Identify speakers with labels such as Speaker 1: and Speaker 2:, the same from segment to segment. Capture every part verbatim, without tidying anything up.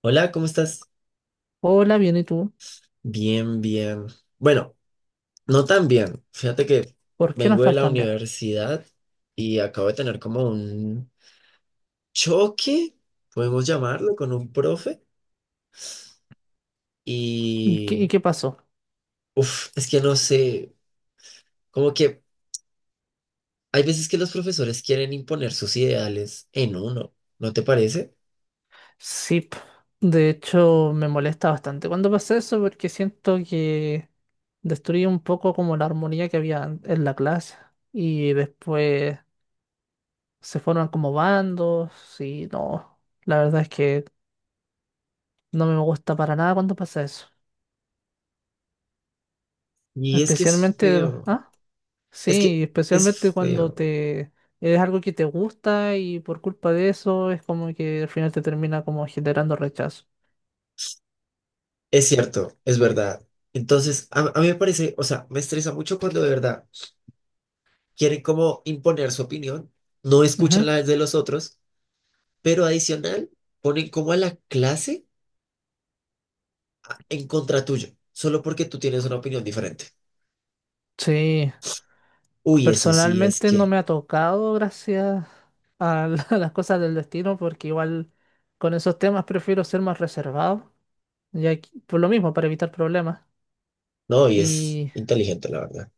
Speaker 1: Hola, ¿cómo estás?
Speaker 2: Hola, bien, ¿y tú?
Speaker 1: Bien, bien. Bueno, no tan bien. Fíjate que
Speaker 2: ¿Por qué no
Speaker 1: vengo de
Speaker 2: estás
Speaker 1: la
Speaker 2: tan bien?
Speaker 1: universidad y acabo de tener como un choque, podemos llamarlo, con un profe.
Speaker 2: ¿Y qué, y
Speaker 1: Y,
Speaker 2: qué pasó?
Speaker 1: uff, es que no sé, como que hay veces que los profesores quieren imponer sus ideales en uno, ¿no te parece?
Speaker 2: Sí, p- de hecho me molesta bastante cuando pasa eso porque siento que destruye un poco como la armonía que había an- en la clase y después se forman como bandos y no, la verdad es que no me gusta para nada cuando pasa eso.
Speaker 1: Y es que es
Speaker 2: Especialmente,
Speaker 1: feo.
Speaker 2: ah,
Speaker 1: Es que
Speaker 2: sí, especialmente
Speaker 1: es
Speaker 2: cuando
Speaker 1: feo.
Speaker 2: te es algo que te gusta y por culpa de eso es como que al final te termina como generando rechazo.
Speaker 1: Es cierto, es verdad. Entonces, a, a mí me parece, o sea, me estresa mucho cuando de verdad quieren como imponer su opinión, no escuchan
Speaker 2: Ujú.
Speaker 1: la de los otros, pero adicional ponen como a la clase a- en contra tuyo, solo porque tú tienes una opinión diferente.
Speaker 2: Sí,
Speaker 1: Uy, eso sí es
Speaker 2: personalmente no
Speaker 1: que,
Speaker 2: me ha tocado gracias a, la- las cosas del destino, porque igual con esos temas prefiero ser más reservado, ya que- por lo mismo, para evitar problemas.
Speaker 1: no, y es
Speaker 2: ¿Y
Speaker 1: inteligente, la verdad.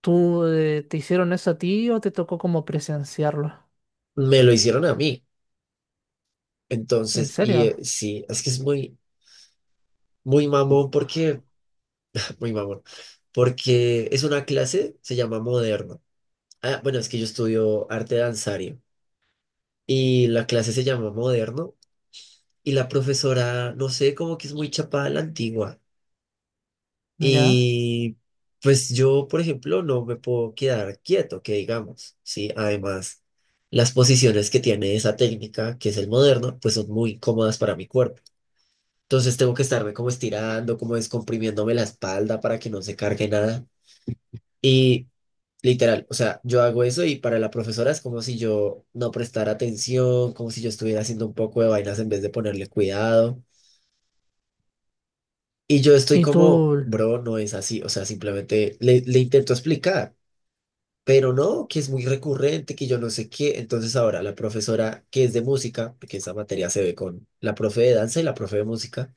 Speaker 2: tú eh, te hicieron eso a ti o te tocó como presenciarlo?
Speaker 1: Me lo hicieron a mí.
Speaker 2: ¿En
Speaker 1: Entonces, y eh,
Speaker 2: serio?
Speaker 1: sí, es que es muy, muy mamón porque, muy mamón, porque es una clase, se llama moderno. Ah, bueno, es que yo estudio arte danzario y la clase se llama moderno y la profesora, no sé, como que es muy chapada a la antigua.
Speaker 2: ¿Ya?
Speaker 1: Y pues yo, por ejemplo, no me puedo quedar quieto, que digamos, ¿sí? Además, las posiciones que tiene esa técnica, que es el moderno, pues son muy cómodas para mi cuerpo. Entonces tengo que estarme como estirando, como descomprimiéndome la espalda para que no se cargue nada. Y literal, o sea, yo hago eso y para la profesora es como si yo no prestara atención, como si yo estuviera haciendo un poco de vainas en vez de ponerle cuidado. Y yo estoy
Speaker 2: ¿Y
Speaker 1: como,
Speaker 2: tú
Speaker 1: bro, no es así. O sea, simplemente le, le intento explicar, pero no, que es muy recurrente, que yo no sé qué. Entonces ahora la profesora que es de música, porque esa materia se ve con la profe de danza y la profe de música,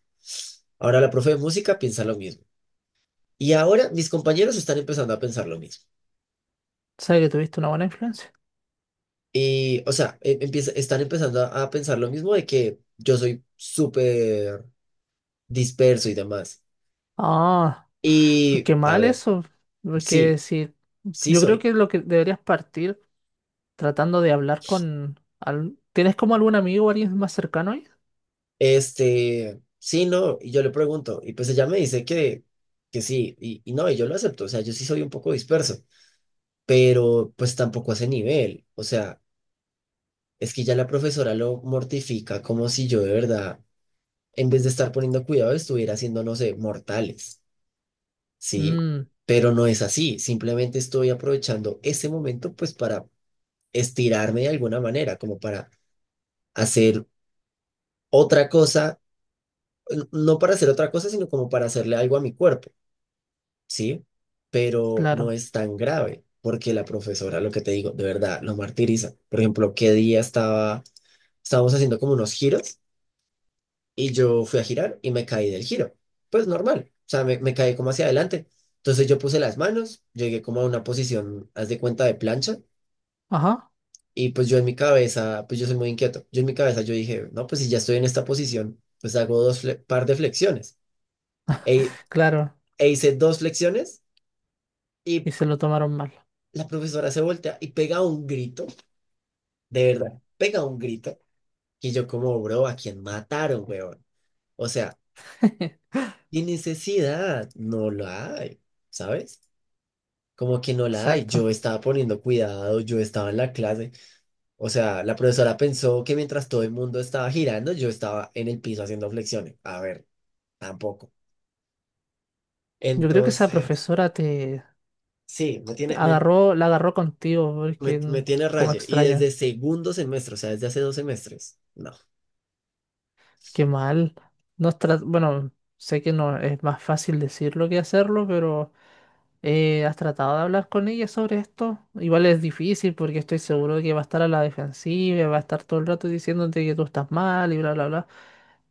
Speaker 1: ahora la profe de música piensa lo mismo. Y ahora mis compañeros están empezando a pensar lo mismo.
Speaker 2: sabes que tuviste una buena influencia?
Speaker 1: Y, o sea, e- empieza- están empezando a, a pensar lo mismo de que yo soy súper disperso y demás.
Speaker 2: Ah, pues
Speaker 1: Y,
Speaker 2: qué
Speaker 1: a
Speaker 2: mal
Speaker 1: ver,
Speaker 2: eso, porque
Speaker 1: sí,
Speaker 2: si
Speaker 1: sí
Speaker 2: yo creo
Speaker 1: soy.
Speaker 2: que lo que deberías partir tratando de hablar con... al- ¿Tienes como algún amigo o alguien más cercano ahí?
Speaker 1: Este, sí, no, y yo le pregunto, y pues ella me dice que, que sí, y, y no, y yo lo acepto, o sea, yo sí soy un poco disperso, pero pues tampoco a ese nivel, o sea, es que ya la profesora lo mortifica como si yo de verdad, en vez de estar poniendo cuidado, estuviera haciendo, no sé, mortales, ¿sí?
Speaker 2: Mm,
Speaker 1: Pero no es así, simplemente estoy aprovechando ese momento pues para estirarme de alguna manera, como para hacer otra cosa, n- no para hacer otra cosa, sino como para hacerle algo a mi cuerpo. ¿Sí? Pero no
Speaker 2: claro.
Speaker 1: es tan grave, porque la profesora, lo que te digo, de verdad, lo martiriza. Por ejemplo, qué día estaba, estábamos haciendo como unos giros y yo fui a girar y me caí del giro. Pues normal, o sea, me, me caí como hacia adelante. Entonces yo puse las manos, llegué como a una posición, haz de cuenta, de plancha.
Speaker 2: Ajá,
Speaker 1: Y pues yo en mi cabeza, pues yo soy muy inquieto, yo en mi cabeza yo dije, no, pues si ya estoy en esta posición, pues hago dos fle- par de flexiones. E,
Speaker 2: claro.
Speaker 1: e hice dos flexiones y
Speaker 2: Y se lo tomaron mal.
Speaker 1: la profesora se voltea y pega un grito. De verdad, pega un grito que yo como, bro, ¿a quién mataron, weón? O sea, ¿qué necesidad? No la hay, ¿sabes? Como que no la hay.
Speaker 2: Exacto.
Speaker 1: Yo estaba poniendo cuidado, yo estaba en la clase. O sea, la profesora pensó que mientras todo el mundo estaba girando, yo estaba en el piso haciendo flexiones. A ver, tampoco.
Speaker 2: Yo creo que esa
Speaker 1: Entonces,
Speaker 2: profesora te
Speaker 1: sí, me
Speaker 2: te
Speaker 1: tiene, me,
Speaker 2: agarró, la agarró contigo,
Speaker 1: me,
Speaker 2: porque
Speaker 1: me
Speaker 2: mm,
Speaker 1: tiene
Speaker 2: como
Speaker 1: raye. Y desde
Speaker 2: extraño.
Speaker 1: segundo semestre, o sea, desde hace dos semestres. No.
Speaker 2: Qué mal. No es tra- bueno, sé que no es más fácil decirlo que hacerlo, pero eh, ¿has tratado de hablar con ella sobre esto? Igual es difícil porque estoy seguro de que va a estar a la defensiva, va a estar todo el rato diciéndote que tú estás mal y bla, bla, bla.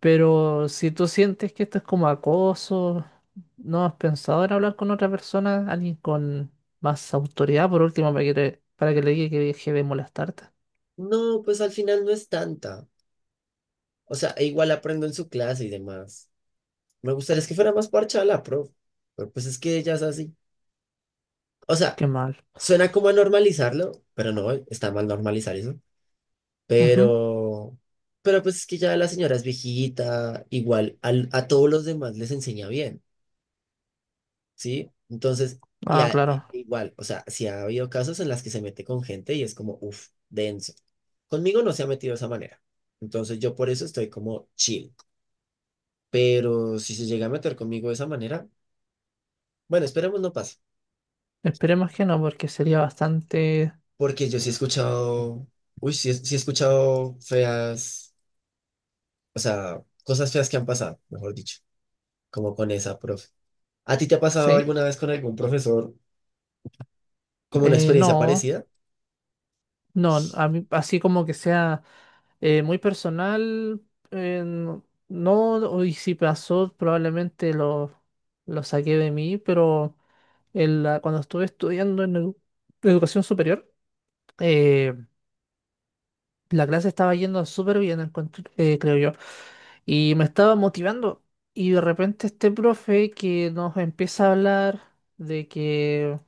Speaker 2: Pero si tú sientes que esto es como acoso, ¿no has pensado en hablar con otra persona, alguien con más autoridad, por último, para que, le- para que le diga que deje de molestarte?
Speaker 1: No, pues al final no es tanta. O sea, e igual aprendo en su clase y demás. Me gustaría es que fuera más parchada la pro, pero pues es que ella es así. O sea,
Speaker 2: Qué mal.
Speaker 1: suena como a normalizarlo, pero no, está mal normalizar eso.
Speaker 2: Ujú.
Speaker 1: Pero, pero pues es que ya la señora es viejita, igual al- a todos los demás les enseña bien, ¿sí? Entonces, y
Speaker 2: Ah,
Speaker 1: a-
Speaker 2: claro.
Speaker 1: igual, o sea, si ha habido casos en las que se mete con gente y es como, uff, denso. Conmigo no se ha metido de esa manera. Entonces yo por eso estoy como chill. Pero si se llega a meter conmigo de esa manera, bueno, esperemos no pase,
Speaker 2: Esperemos que no, porque sería bastante...
Speaker 1: porque yo sí he escuchado, uy, sí, he- sí he escuchado feas, o sea, cosas feas que han pasado, mejor dicho, como con esa profe. ¿A ti te ha pasado
Speaker 2: ¿Sí?
Speaker 1: alguna vez con algún profesor como una
Speaker 2: Eh,
Speaker 1: experiencia
Speaker 2: no,
Speaker 1: parecida?
Speaker 2: no, a mí- así como que sea... Eh, muy personal, eh, no, no, y si pasó, probablemente lo, lo saqué de mí, pero en la- cuando estuve estudiando en edu- educación superior, eh, la clase estaba yendo súper bien, encontré- eh, creo yo. Y me estaba motivando. Y de repente este profe que nos empieza a hablar de que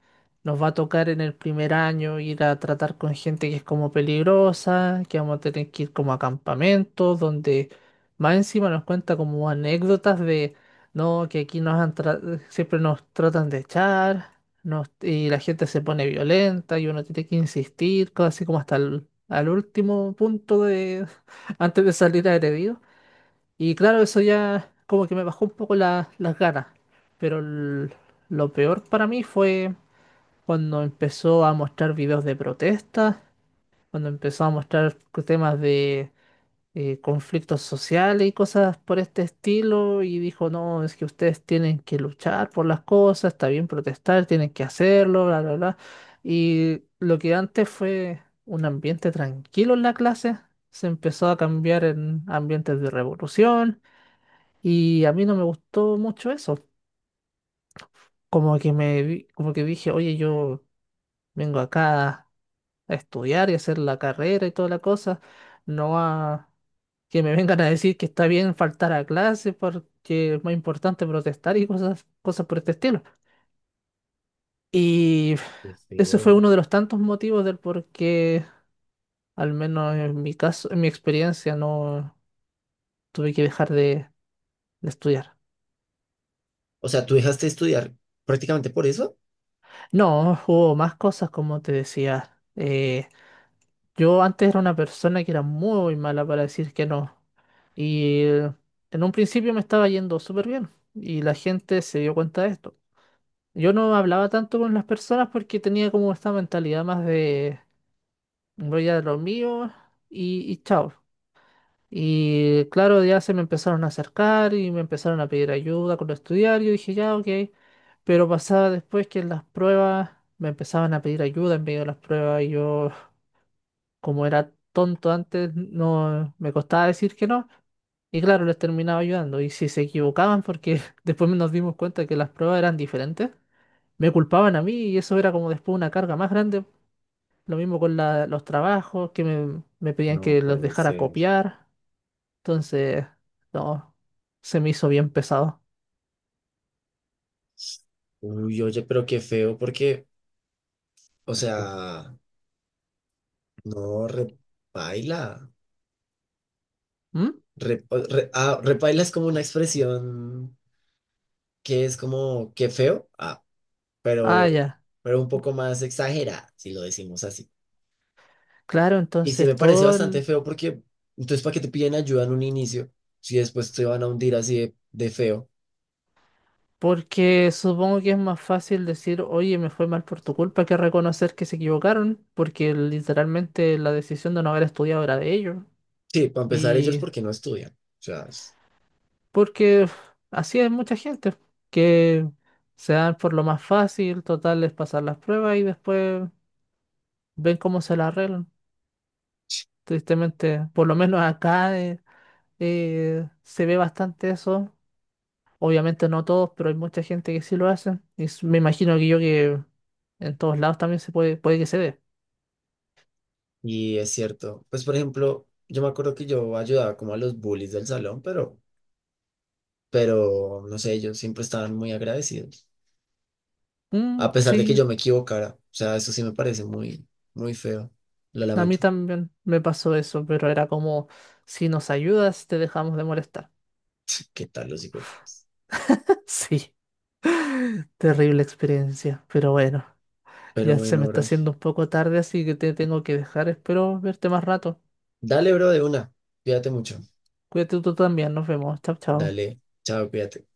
Speaker 2: nos va a tocar en el primer año ir a tratar con gente que es como peligrosa, que vamos a tener que ir como a campamentos, donde más encima nos cuenta como anécdotas de, no, que aquí nos han tra- siempre nos tratan de echar, nos- y la gente se pone violenta y uno tiene que insistir, casi como hasta el al último punto de antes de salir agredido. Y claro, eso ya como que me bajó un poco la- las ganas. Pero el- lo peor para mí fue cuando empezó a mostrar videos de protestas, cuando empezó a mostrar temas de eh, conflictos sociales y cosas por este estilo. Y dijo, no, es que ustedes tienen que luchar por las cosas, está bien protestar, tienen que hacerlo, bla, bla, bla. Y lo que antes fue un ambiente tranquilo en la clase, se empezó a cambiar en ambientes de revolución y a mí no me gustó mucho eso. Como que me vi- como que dije, oye, yo vengo acá a estudiar y hacer la carrera y toda la cosa, no a que me vengan a decir que está bien faltar a clase porque es más importante protestar y cosas, cosas por este estilo. Y
Speaker 1: Qué
Speaker 2: ese fue
Speaker 1: feo.
Speaker 2: uno de los tantos motivos del por qué, al menos en mi caso, en mi experiencia, no tuve que dejar de, de estudiar.
Speaker 1: O sea, ¿tú dejaste de estudiar prácticamente por eso?
Speaker 2: No, hubo más cosas, como te decía. eh, Yo antes era una persona que era muy mala para decir que no. Y eh, en un principio me estaba yendo súper bien. Y la gente se dio cuenta de esto. Yo no hablaba tanto con las personas porque tenía como esta mentalidad más de voy a lo mío y, y chao. Y claro, ya se me empezaron a acercar y me empezaron a pedir ayuda con estudiar. Yo dije, ya, ok. Pero pasaba después que en las pruebas me empezaban a pedir ayuda en medio de las pruebas y yo como era tonto antes, no me costaba decir que no. Y claro, les terminaba ayudando. Y si se equivocaban, porque después nos dimos cuenta que las pruebas eran diferentes, me culpaban a mí y eso era como después una carga más grande. Lo mismo con la- los trabajos, que me, me pedían
Speaker 1: No
Speaker 2: que los
Speaker 1: puede
Speaker 2: dejara
Speaker 1: ser.
Speaker 2: copiar. Entonces, no, se me hizo bien pesado.
Speaker 1: Uy, oye, pero qué feo, porque, o sea, no, repaila.
Speaker 2: ¿Mm?
Speaker 1: Re- o- re- ah, repaila es como una expresión que es como qué feo, ah,
Speaker 2: Ah,
Speaker 1: pero,
Speaker 2: ya.
Speaker 1: pero un poco más exagerada, si lo decimos así.
Speaker 2: Claro,
Speaker 1: Y sí me
Speaker 2: entonces
Speaker 1: parece
Speaker 2: todo
Speaker 1: bastante
Speaker 2: el-
Speaker 1: feo porque, entonces, ¿para qué te piden ayuda en un inicio si después te van a hundir así de, de feo?
Speaker 2: porque supongo que es más fácil decir, oye, me fue mal por tu culpa, que reconocer que se equivocaron, porque literalmente la decisión de no haber estudiado era de ellos.
Speaker 1: Sí, para empezar ellos
Speaker 2: Y
Speaker 1: porque no estudian. O sea.
Speaker 2: porque uf, así hay mucha gente, que se dan por lo más fácil, total, es pasar las pruebas y después ven cómo se las arreglan. Tristemente, por lo menos acá eh, eh, se ve bastante eso. Obviamente no todos, pero hay mucha gente que sí lo hace. Y s- me imagino que yo que en todos lados también se puede, puede que se dé.
Speaker 1: Y es cierto, pues por ejemplo, yo me acuerdo que yo ayudaba como a los bullies del salón, pero, pero no sé, ellos siempre estaban muy agradecidos,
Speaker 2: Mm,
Speaker 1: a pesar de que
Speaker 2: sí,
Speaker 1: yo me equivocara. O sea, eso sí me parece muy, muy feo. Lo
Speaker 2: a
Speaker 1: lamento.
Speaker 2: mí también me pasó eso, pero era como, si nos ayudas, te dejamos de molestar.
Speaker 1: ¿Qué tal los hijos?
Speaker 2: Sí, terrible experiencia, pero bueno,
Speaker 1: Pero
Speaker 2: ya se
Speaker 1: bueno,
Speaker 2: me está
Speaker 1: bro.
Speaker 2: haciendo un poco tarde, así que te tengo que dejar. Espero verte más rato.
Speaker 1: Dale, bro, de una. Cuídate mucho.
Speaker 2: Cuídate tú también, nos vemos. Chao, chao.
Speaker 1: Dale. Chao, cuídate.